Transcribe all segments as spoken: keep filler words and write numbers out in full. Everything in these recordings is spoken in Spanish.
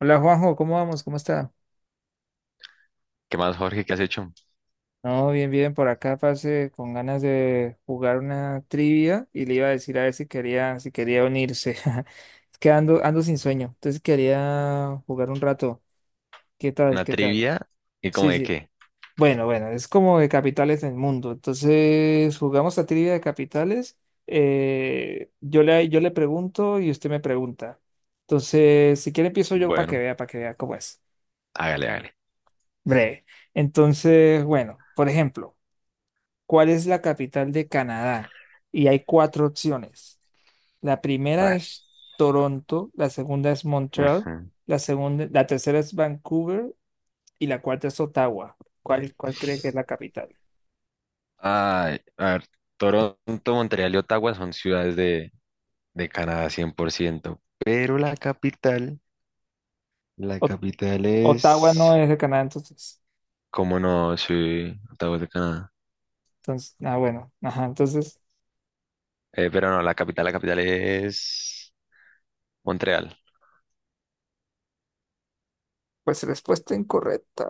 Hola Juanjo, ¿cómo vamos? ¿Cómo está? ¿Qué más, Jorge? ¿Qué has hecho? No, bien, bien, por acá pasé con ganas de jugar una trivia y le iba a decir a ver si quería, si quería unirse. Es que ando, ando sin sueño, entonces quería jugar un rato. ¿Qué tal? ¿Una ¿Qué tal? trivia? ¿Y como Sí, de sí. qué? Bueno, bueno, es como de capitales del mundo. Entonces, jugamos a trivia de capitales. eh, yo le, yo le pregunto y usted me pregunta. Entonces, si quiere empiezo yo para que Bueno, vea, para que vea cómo es. hágale, hágale. Breve. Entonces, bueno, por ejemplo. ¿Cuál es la capital de Canadá? Y hay cuatro opciones. La A primera ver. es Toronto, la segunda es Montreal, Ujú. la segunda, la tercera es Vancouver y la cuarta es Ottawa. ¿Cuál, cuál cree que es la capital? Ay, a ver, Toronto, Montreal y Ottawa son ciudades de, de Canadá cien por ciento, pero la capital, la O- capital Ottawa no es. es de Canadá, entonces. ¿Cómo no? Sí, Ottawa es de Canadá. Entonces, ah, bueno, ajá, entonces, Eh, pero no, la capital, la capital es Montreal. pues respuesta incorrecta.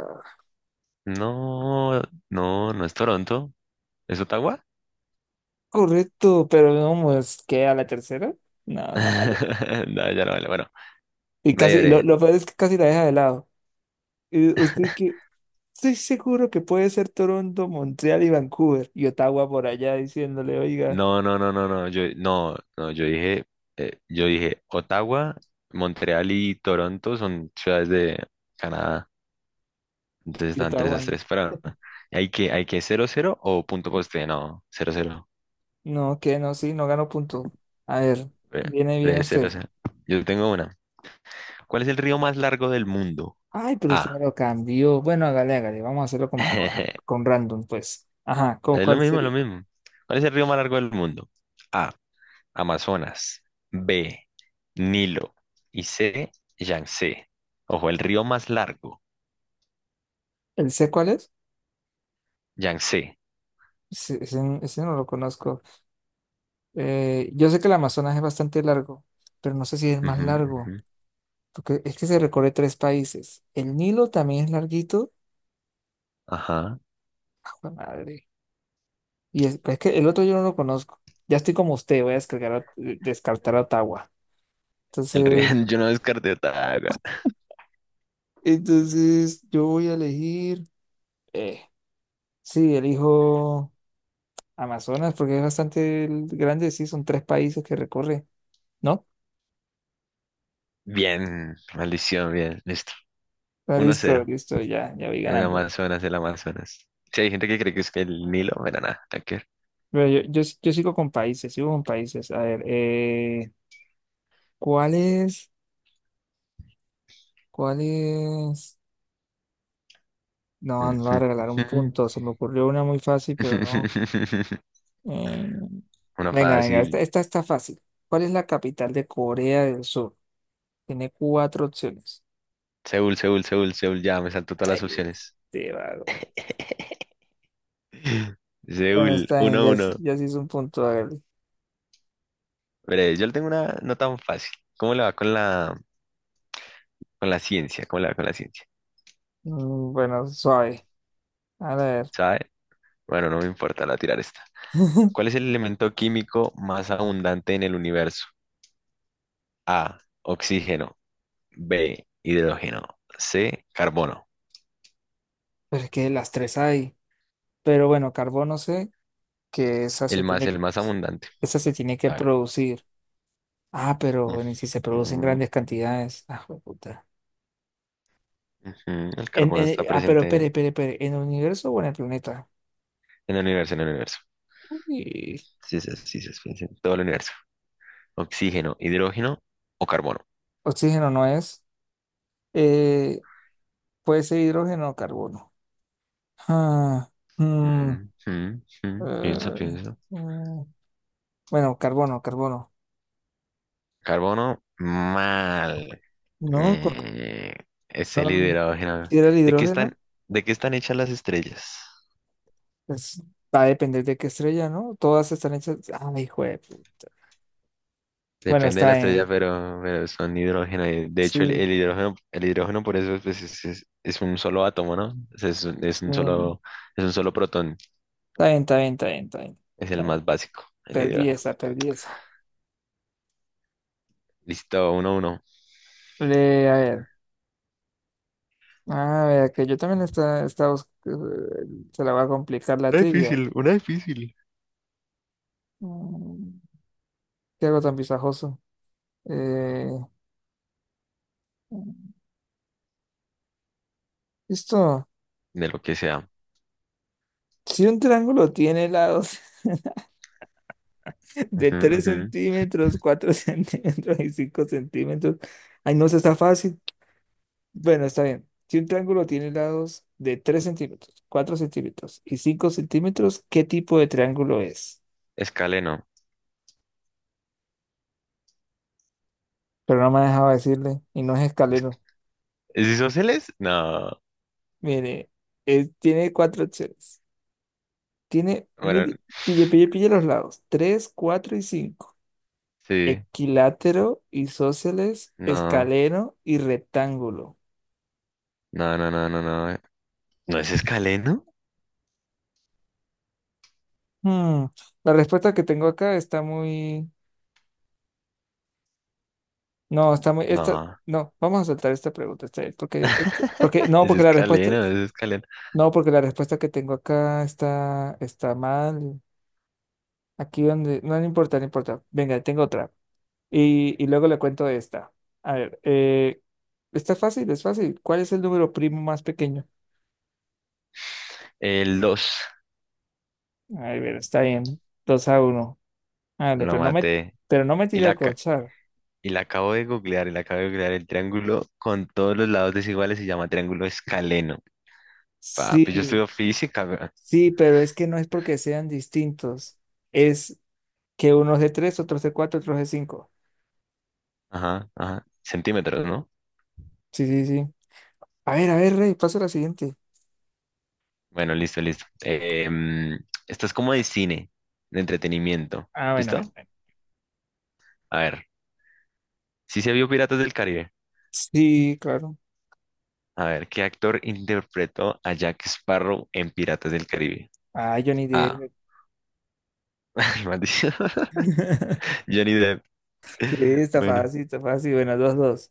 No, no, no es Toronto, ¿es Ottawa? Correcto, pero no, pues, ¿qué? ¿A la tercera? No, no vale. No, ya no vale. Bueno, Y casi, lo, breve, lo peor es que casi la deja de lado. ¿Y usted breve. qué? Estoy seguro que puede ser Toronto, Montreal y Vancouver. Y Ottawa por allá diciéndole, oiga, No, no, no, no, no, yo, no, no, yo dije, eh, yo dije, Ottawa, Montreal y Toronto son ciudades de Canadá, entonces y están tres a Ottawa. tres, pero hay que, hay que cero cero o punto poste, no, cero cero. No, que no, sí, no ganó punto. A ver, bre- viene, viene breve cero. usted. 0. Yo tengo una. ¿Cuál es el río más largo del mundo? Ay, pero usted me A. lo cambió. Bueno, hágale, hágale. Vamos a hacerlo con, con, con random, pues. Ajá, ¿cu- Es lo ¿cuál mismo, lo sería? mismo. ¿Cuál es el río más largo del mundo? A. Amazonas. B. Nilo. Y C. Yangtze. Ojo, el río más largo. ¿El C cuál es? Yangtze. Ese, ese- ese no lo conozco. Eh, yo sé que el Amazonas es bastante largo, pero no sé si es el más Ujú, largo. ujú. Porque es que se recorre tres países. El Nilo también es larguito. Ajá. ¡Jue madre! Y es, pues, es que el otro yo no lo conozco. Ya estoy como usted, voy a descargar, a- descartar a Ottawa. El río. Entonces, Yo no descarté Otago. entonces yo voy a elegir. Eh, sí, elijo Amazonas porque es bastante grande. Sí, son tres países que recorre, ¿no? Bien, maldición, bien, listo. Ah, Uno listo, cero, listo, ya, ya voy el ganando. Amazonas, el Amazonas. Sí, hay gente que cree que es que el Nilo, pero nada, nada que ver. Pero yo, yo, yo sigo con países, sigo con países. A ver, eh, ¿cuál es? ¿Cuál es? No, no le Ujú, voy a regalar un ujú. punto. Se me ocurrió una muy fácil, pero no. Eh, Una venga, venga, fácil. esta, esta está fácil. ¿Cuál es la capital de Corea del Sur? Tiene cuatro opciones. Seúl, Seúl, Seúl, Seúl, ya me salto todas las Ay, opciones. este vago. Bueno, Seúl, está bien, 1 ya, uno. sí- ya sí es un punto. Hágale. Veré, yo le tengo una no tan fácil. ¿Cómo le va con la, con la ciencia? ¿Cómo le va con la ciencia? Mm, bueno, suave. A ver. ¿Sabe? Bueno, no me importa, la voy a tirar esta. ¿Cuál es el elemento químico más abundante en el universo? A, oxígeno. B, hidrógeno. C, carbono. Pero es que las tres hay. Pero bueno, carbono sé que esa El se más, tiene, el más abundante. esa se tiene que A ver. producir. Ah, pero Mm, bueno, y si se produce en mm, grandes cantidades. Ah, jueputa. ujú, El En, carbono está en- ah, pero presente espere, en espere, espere. ¿En el universo o en el planeta? en el universo, en el universo. Uy. Sí, sí, sí, sí, sí, sí, en todo el universo. Oxígeno, hidrógeno o carbono. Oxígeno no es. Eh, puede ser hidrógeno o carbono. Ah, mm, Mm, mm, mm, Piensa, eh, piensa. mm, bueno, carbono, carbono. Carbono, mal. No, co- Mm, es el no, hidrógeno. si era el ¿De qué hidrógeno, están, de qué están hechas las estrellas? pues va a depender de qué estrella, ¿no? Todas están hechas. Ah, hijo de puta. Bueno, Depende de está la estrella, bien. pero, pero son hidrógeno. Y de hecho, el, Sí, el hidrógeno, el hidrógeno por eso pues, es, es- es un solo átomo, ¿no? Es, es un es sí. un solo, es un solo protón. Está bien, está bien, está bien, está bien. Es Está el bien. más básico, el Perdí hidrógeno. esa, perdí esa. Listo, uno, uno. Le a ver. A ver, que yo también está, está, bus- eh, se la va a complicar la Una trivia. difícil, una difícil. Mm, ¿Qué hago tan pisajoso? Eh, esto, De lo que sea. si un triángulo tiene lados de Ujú, tres ujú. centímetros, cuatro centímetros y cinco centímetros, ay, no, eso está fácil. Bueno, está bien. Si un triángulo tiene lados de tres centímetros, cuatro centímetros y cinco centímetros, ¿qué tipo de triángulo es? Escaleno. Pero no me dejaba decirle, y no es escalero. ¿Es isósceles? No. Mire, es- tiene cuatro opciones. Tiene, Bueno, mire, pille, pille, pille los lados, tres cuatro y cinco. sí. Equilátero, isósceles, No. escaleno y rectángulo. No, no, no, no, no. ¿No es escaleno? Hmm, La respuesta que tengo acá está muy... No, está muy... Esta... No. No, vamos a saltar esta pregunta. Está bien, porque, porque, no, Es porque la respuesta... escaleno, es escaleno. No, porque la respuesta que tengo acá está, está mal. Aquí donde... No, no importa, no importa. Venga, tengo otra. Y, y luego le cuento esta. A ver, eh, está fácil, es fácil. ¿Cuál es el número primo más pequeño? El dos. A ver, está bien. Dos a uno. Ándale, Lo pero no me, maté. pero no me Y tiré a la, ca- corchar. Y la acabo de googlear, y la acabo de googlear. El triángulo con todos los lados desiguales se llama triángulo escaleno. Papi, yo Sí, estudio física. Weón. sí, pero es que no es porque sean distintos. Es que unos de tres, otros de cuatro, otros de cinco. Ajá, ajá. Centímetros, ¿no? Sí, sí, sí. A ver, a ver, Rey, paso a la siguiente. Bueno, listo, listo. Em, esto es como de cine, de entretenimiento. Ah, bueno, ¿Listo? bueno, bueno. A ver. ¿Si se vio Piratas del Caribe? Sí, claro. A ver, ¿qué actor interpretó a Jack Sparrow en Piratas del Caribe? Ah, Johnny A. Depp. Maldición. Johnny Depp. Sí, está Bueno, fácil, está fácil. Bueno, dos, dos.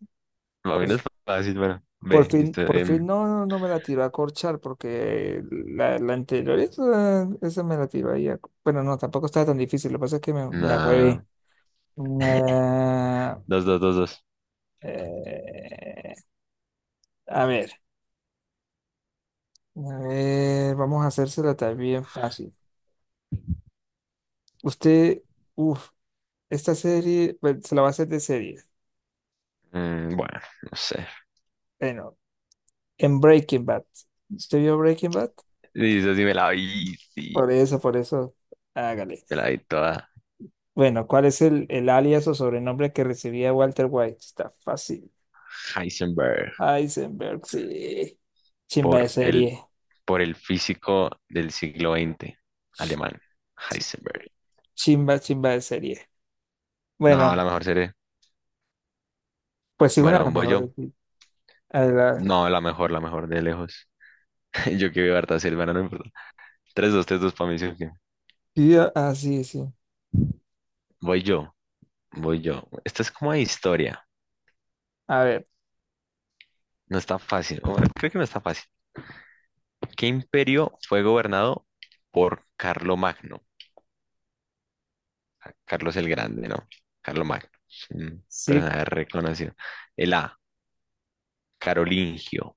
más o Por, menos fácil. Bueno, por B. fin, Listo. por fin em, no, no, no me la tiró a corchar porque la, la anterior, esa, esa me la tiró ahí. a- Bueno, no, tampoco estaba tan difícil. Lo que pasa es que me, me nah, agüevé. Ah, dos, dos, dos, dos. eh, eh, a ver, a ver, vamos a hacérsela también fácil. Usted, uff, esta serie, bueno, se la va a hacer de serie. Mm, bueno, no sé. Bueno, en Breaking Bad. ¿Usted vio Breaking Bad? Dice sí me la vi, sí, Por eso, por eso, hágale. me la vi toda. Bueno, ¿cuál es el, el alias o sobrenombre que recibía Walter White? Está fácil. Heisenberg. Heisenberg, sí. Chimba de por el, serie. por el físico del siglo vigésimo, alemán, Heisenberg. Chimba, chimba de serie. No, Bueno, la mejor serie. pues sí, una de Bueno, las voy yo. mejores. Sí. No, la mejor, la mejor de lejos. Yo que veo harta serie, bueno, no importa. tres, dos, tres, dos para mí, sí, ok. Sí, a- ah, sí, sí. Voy yo, voy yo. Esta es como de historia. A ver, No está fácil. Bueno, creo que no está fácil. ¿Qué imperio fue gobernado por Carlomagno? ¿A Carlos el Grande, no? Carlos Magno. Mm, sí, personaje reconocido. El A, carolingio.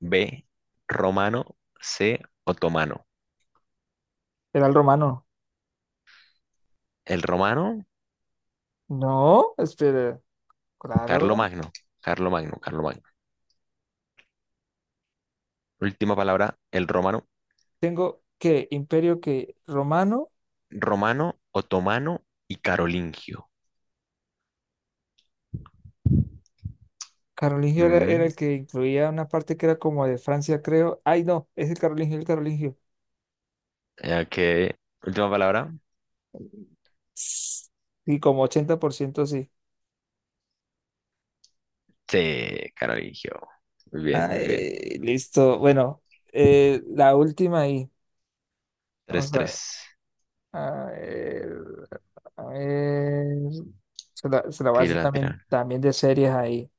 B, romano. C, otomano. era el romano. El romano, No, espera, Carlo claro. Magno. Carlo Magno, Carlo Magno. Última palabra, el romano. Tengo que imperio que romano, Romano, otomano y carolingio. carolingio era, era Mm, el que incluía una parte que era como de Francia, creo. Ay, no, es el carolingio, el carolingio. ok. Última palabra. Sí, como ochenta por ciento sí. C, carolingio. Muy bien, muy bien. Ay, listo. Bueno, eh, la última ahí. Tres Vamos a tres. ver. A ver, a ver. Se la, se la voy a Tire hacer la también, lateral. también de series ahí.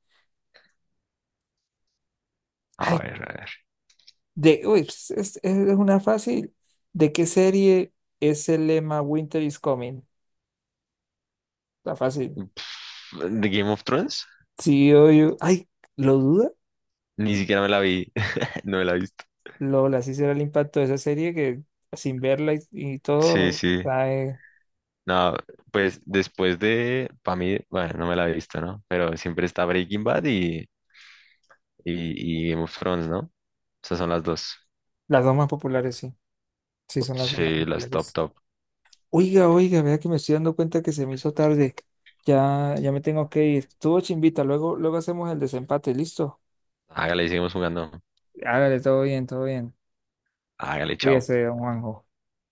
A Ay, ver, a ver. De, uy, es, es- es una fácil. ¿De qué serie es el lema Winter is Coming? Está fácil. Pff, ¿The Game of Thrones? Sí yo, yo- ay, ¿lo duda? Ni siquiera me la vi. No la he visto. Lola, así será el impacto de esa serie que sin verla y, y Sí, todo, sí. trae No, pues después de, para mí, bueno, no me la he visto, ¿no? Pero siempre está Breaking Bad y, y, y Game of Thrones, ¿no? Esas son las dos. las dos más populares, sí. Sí, son las dos más Sí, las top, populares. top. Oiga, oiga, vea que me estoy dando cuenta que se me hizo tarde. Ya, ya me tengo que ir. Estuvo chimbita, luego, luego hacemos el desempate, ¿listo? Hágale, seguimos jugando. Hágale, todo bien, todo bien. Hágale, chao. Cuídese, don Juanjo.